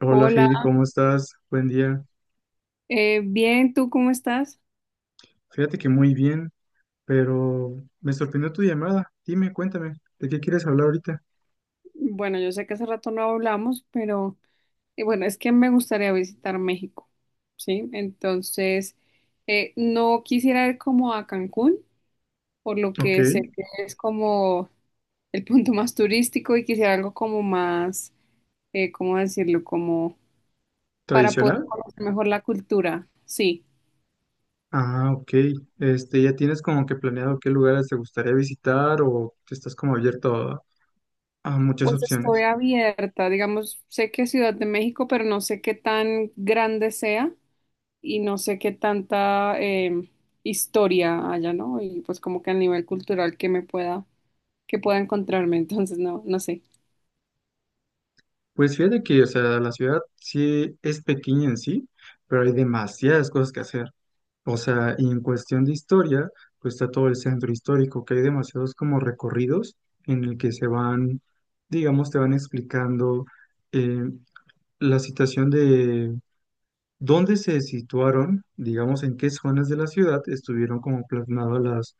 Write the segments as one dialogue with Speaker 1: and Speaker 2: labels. Speaker 1: Hola
Speaker 2: Hola,
Speaker 1: Heidi, ¿cómo estás? Buen día.
Speaker 2: bien, ¿tú cómo estás?
Speaker 1: Fíjate que muy bien, pero me sorprendió tu llamada. Dime, cuéntame, ¿de qué quieres hablar ahorita?
Speaker 2: Bueno, yo sé que hace rato no hablamos, pero bueno, es que me gustaría visitar México, ¿sí? Entonces, no quisiera ir como a Cancún, por lo
Speaker 1: Ok,
Speaker 2: que sé que es como el punto más turístico y quisiera algo como más, ¿cómo decirlo? Como para poder
Speaker 1: ¿tradicional?
Speaker 2: conocer mejor la cultura, sí.
Speaker 1: Ah, ok. Este, ¿ya tienes como que planeado qué lugares te gustaría visitar o estás como abierto a muchas
Speaker 2: Pues estoy
Speaker 1: opciones?
Speaker 2: abierta, digamos, sé que es Ciudad de México, pero no sé qué tan grande sea, y no sé qué tanta historia haya, ¿no? Y pues como que a nivel cultural que me pueda, que pueda encontrarme, entonces no, no sé.
Speaker 1: Pues fíjate que, o sea, la ciudad sí es pequeña en sí, pero hay demasiadas cosas que hacer. O sea, y en cuestión de historia, pues está todo el centro histórico, que hay demasiados como recorridos en el que se van, digamos, te van explicando eh, la situación de dónde se situaron, digamos, en qué zonas de la ciudad estuvieron como plasmadas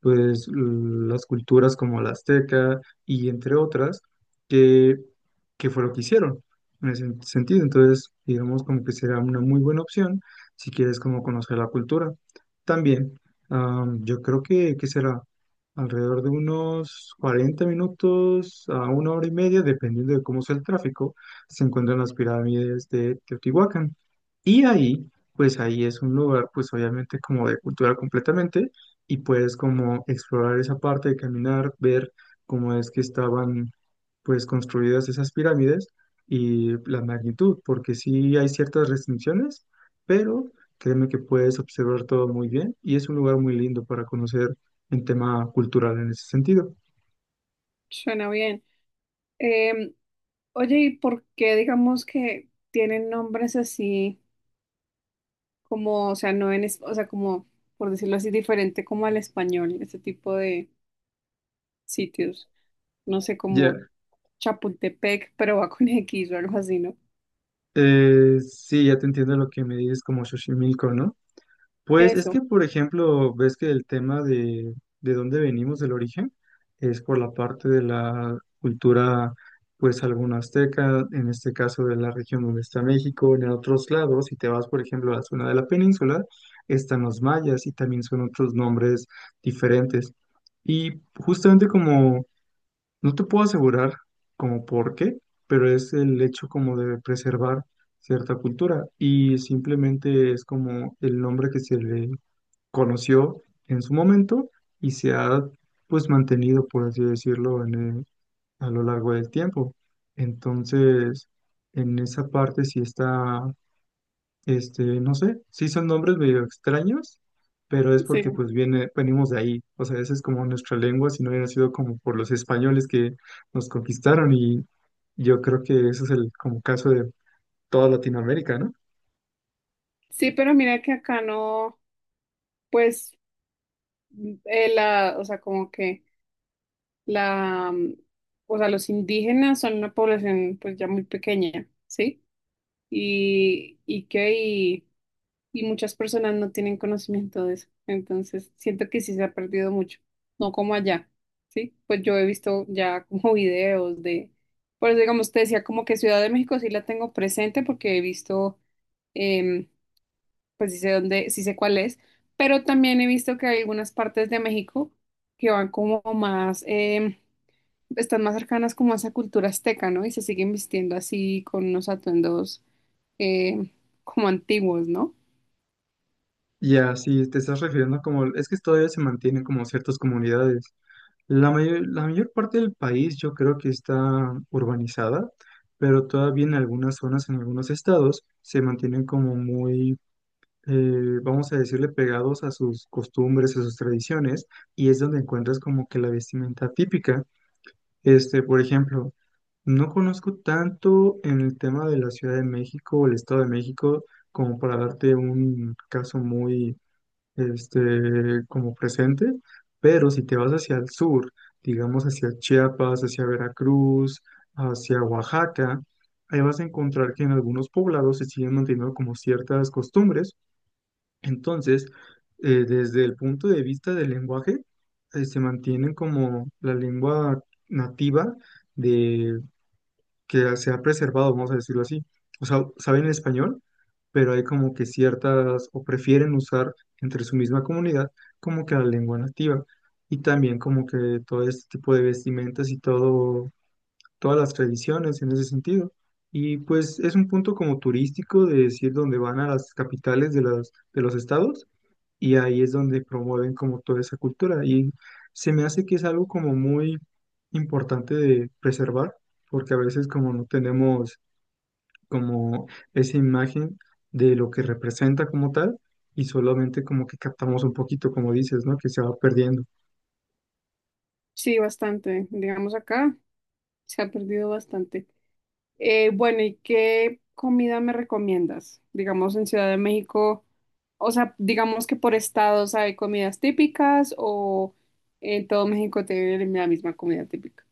Speaker 1: pues, las culturas como la azteca y entre otras, que, que fue lo que hicieron en ese sentido. Entonces, digamos, como que será una muy buena opción si quieres como conocer la cultura. También, yo creo que será alrededor de unos 40 minutos a una hora y media, dependiendo de cómo sea el tráfico, se encuentran las pirámides de Teotihuacán. Y ahí, pues ahí es un lugar, pues obviamente como de cultura completamente, y puedes como explorar esa parte de caminar, ver cómo es que estaban pues construidas esas pirámides y la magnitud, porque sí hay ciertas restricciones, pero créeme que puedes observar todo muy bien y es un lugar muy lindo para conocer en tema cultural en ese sentido.
Speaker 2: Suena bien. Em, Oye, ¿y por qué digamos que tienen nombres así como, o sea, no en, es- o sea, como, por decirlo así, diferente como al español, este tipo de sitios? No sé, como
Speaker 1: Ya,
Speaker 2: Chapultepec, pero va con X o algo así, ¿no?
Speaker 1: sí, ya te entiendo lo que me dices como Xochimilco, ¿no? Pues es
Speaker 2: Eso,
Speaker 1: que, por ejemplo, ves que el tema de dónde venimos, del origen, es por la parte de la cultura, pues alguna azteca, en este caso de la región donde está México, en otros lados, si te vas, por ejemplo, a la zona de la península, están los mayas y también son otros nombres diferentes. Y justamente como, no te puedo asegurar como por qué, pero es el hecho como de preservar cierta cultura y simplemente es como el nombre que se le conoció en su momento y se ha pues mantenido, por así decirlo, a lo largo del tiempo. Entonces, en esa parte sí está, este, no sé, sí son nombres medio extraños, pero es
Speaker 2: sí.
Speaker 1: porque pues venimos de ahí. O sea, esa es como nuestra lengua, si no hubiera sido como por los españoles que nos conquistaron y yo creo que ese es el como caso de toda Latinoamérica, ¿no?
Speaker 2: Sí, pero mira que acá no, pues. O sea, como que la, mm, o sea, los indígenas son una población pues ya muy pequeña, ¿sí? Y, y que y, y muchas personas no tienen conocimiento de eso. Entonces, siento que sí se ha perdido mucho, no como allá, ¿sí? Pues yo he visto ya como videos de, por eso digamos, te decía como que Ciudad de México sí la tengo presente porque he visto, em, pues sí sé dónde, sí sé cuál es, pero también he visto que hay algunas partes de México que van como más, están más cercanas como a esa cultura azteca, ¿no? Y se siguen vistiendo así con unos atuendos em, como antiguos, ¿no?
Speaker 1: Ya, si te estás refiriendo como, es que todavía se mantienen como ciertas comunidades. La mayor parte del país yo creo que está urbanizada, pero todavía en algunas zonas, en algunos estados, se mantienen como muy, vamos a decirle, pegados a sus costumbres, a sus tradiciones, y es donde encuentras como que la vestimenta típica. Este, por ejemplo, no conozco tanto en el tema de la Ciudad de México o el Estado de México como para darte un caso muy este, como presente, pero si te vas hacia el sur, digamos hacia Chiapas, hacia Veracruz, hacia Oaxaca, ahí vas a encontrar que en algunos poblados se siguen manteniendo como ciertas costumbres. Entonces, desde el punto de vista del lenguaje, se mantienen como la lengua nativa que se ha preservado, vamos a decirlo así. O sea, saben español, pero hay como que ciertas, o prefieren usar entre su misma comunidad como que la lengua nativa. Y también como que todo este tipo de vestimentas y todas las tradiciones en ese sentido. Y pues es un punto como turístico de decir donde van a las capitales de los estados y ahí es donde promueven como toda esa cultura. Y se me hace que es algo como muy importante de preservar, porque a veces como no tenemos como esa imagen de lo que representa como tal, y solamente como que captamos un poquito, como dices, ¿no? Que se va perdiendo.
Speaker 2: Sí, bastante. Digamos acá se ha perdido bastante. Bueno, ¿y qué comida me recomiendas? Digamos en Ciudad de México, o sea, digamos que por estados hay comidas típicas o en todo México tienen la misma comida típica.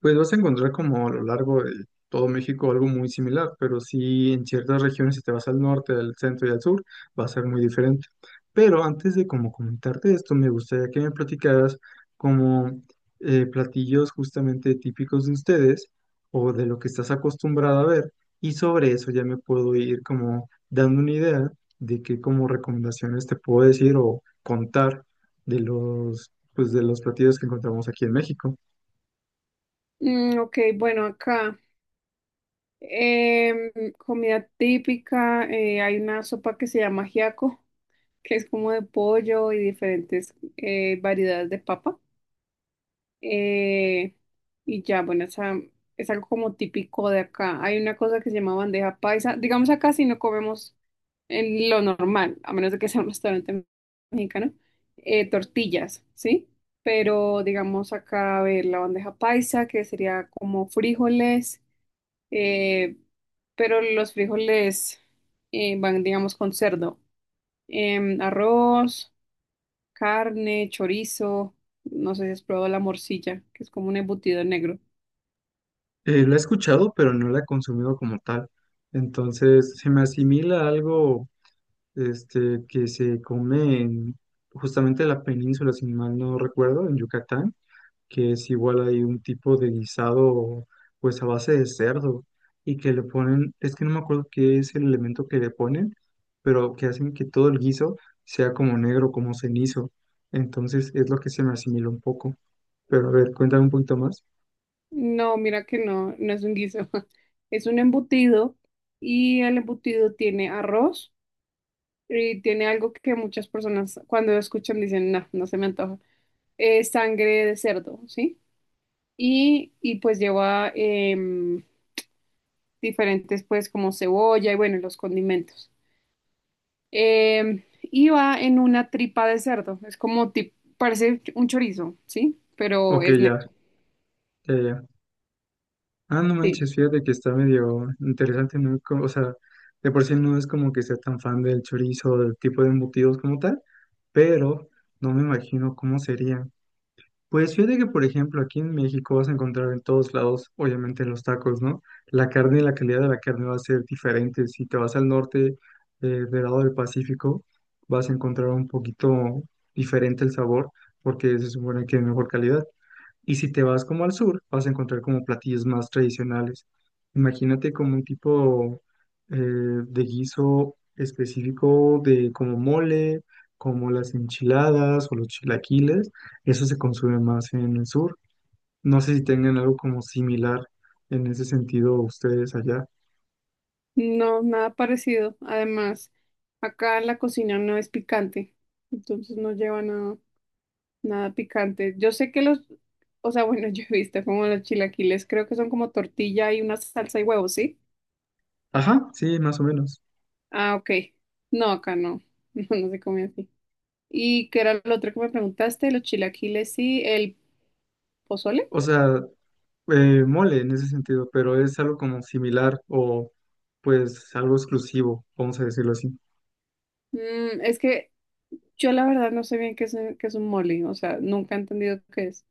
Speaker 1: Pues vas a encontrar como a lo largo de todo México algo muy similar, pero sí en ciertas regiones, si te vas al norte, al centro y al sur, va a ser muy diferente. Pero antes de como comentarte esto, me gustaría que me platicaras como platillos justamente típicos de ustedes o de lo que estás acostumbrado a ver, y sobre eso ya me puedo ir como dando una idea de qué como recomendaciones te puedo decir o contar pues, de los platillos que encontramos aquí en México.
Speaker 2: Mm, ok, bueno, acá em, comida típica, hay una sopa que se llama ajiaco, que es como de pollo y diferentes variedades de papa. Eh, bueno, esa, es algo como típico de acá. Hay una cosa que se llama bandeja paisa. Digamos acá si no comemos en lo normal, a menos de que sea un restaurante mexicano, tortillas, ¿sí? Pero digamos acá, a ver, la bandeja paisa, que sería como frijoles, eh, pero los frijoles van, digamos, con cerdo. Arroz, carne, chorizo, no sé si has probado la morcilla, que es como un embutido negro.
Speaker 1: La he escuchado, pero no la he consumido como tal. Entonces, se me asimila a algo este, que se come en justamente la península, si mal no recuerdo, en Yucatán, que es igual hay un tipo de guisado, pues a base de cerdo, y que le ponen, es que no me acuerdo qué es el elemento que le ponen, pero que hacen que todo el guiso sea como negro, como cenizo. Entonces, es lo que se me asimila un poco. Pero a ver, cuéntame un poquito más.
Speaker 2: No, mira que no, no es un guiso, es un embutido y el embutido tiene arroz y tiene algo que muchas personas cuando lo escuchan dicen, no, no se me antoja, es sangre de cerdo, ¿sí? Y pues lleva diferentes pues como cebolla y bueno, los condimentos. Y va en una tripa de cerdo. Es como, parece un chorizo, ¿sí? Pero
Speaker 1: Ok,
Speaker 2: es
Speaker 1: ya.
Speaker 2: negro,
Speaker 1: Ya, ya. Ah, no
Speaker 2: sí.
Speaker 1: manches, fíjate que está medio interesante, ¿no? O sea, de por sí no es como que sea tan fan del chorizo o del tipo de embutidos como tal, pero no me imagino cómo sería. Pues fíjate que, por ejemplo, aquí en México vas a encontrar en todos lados, obviamente, los tacos, ¿no? La carne y la calidad de la carne va a ser diferente. Si te vas al norte, del lado del Pacífico, vas a encontrar un poquito diferente el sabor, porque se supone que es mejor calidad. Y si te vas como al sur, vas a encontrar como platillos más tradicionales. Imagínate como un tipo de guiso específico de como mole, como las enchiladas o los chilaquiles. Eso se consume más en el sur. No sé si tengan algo como similar en ese sentido ustedes allá.
Speaker 2: No, nada parecido. Además, acá la cocina no es picante. Entonces no lleva nada, nada picante. Yo sé que los, o sea, bueno, yo he visto como los chilaquiles, creo que son como tortilla y una salsa y huevos, ¿sí?
Speaker 1: Ajá, sí, más o menos.
Speaker 2: Ah, ok. No, acá no. No, no se come así. ¿Y qué era lo otro que me preguntaste? Los chilaquiles, y ¿el pozole?
Speaker 1: O sea, mole en ese sentido, pero es algo como similar o pues algo exclusivo, vamos a decirlo así.
Speaker 2: Mm, es que yo la verdad no sé bien qué es un molly, o sea, nunca he entendido qué es.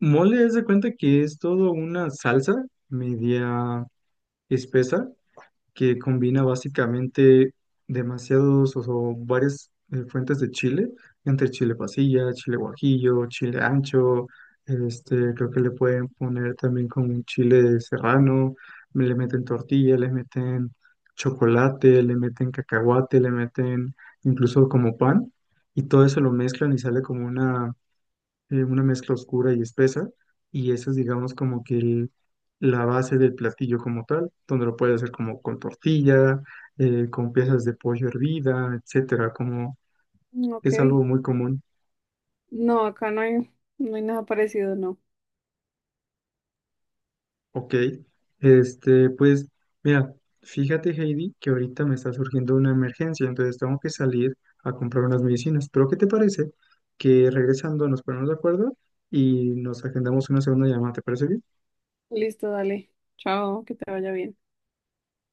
Speaker 1: Mole, haz de cuenta que es todo una salsa media espesa que combina básicamente demasiados o varias fuentes de chile, entre chile pasilla, chile guajillo, chile ancho, este, creo que le pueden poner también con un chile serrano, le meten tortilla, le meten chocolate, le meten cacahuate, le meten incluso como pan, y todo eso lo mezclan y sale como una mezcla oscura y espesa, y eso es, digamos, como que la base del platillo como tal, donde lo puedes hacer como con tortilla, con piezas de pollo hervida, etcétera, como
Speaker 2: Mm,
Speaker 1: es
Speaker 2: ok.
Speaker 1: algo muy común,
Speaker 2: No, acá no hay, no hay nada parecido, no.
Speaker 1: ¿ok? Este, pues, mira, fíjate, Heidi, que ahorita me está surgiendo una emergencia, entonces tengo que salir a comprar unas medicinas, pero ¿qué te parece que regresando nos ponemos de acuerdo y nos agendamos una segunda llamada, ¿te parece bien?
Speaker 2: Listo, dale. Chao, que te vaya bien.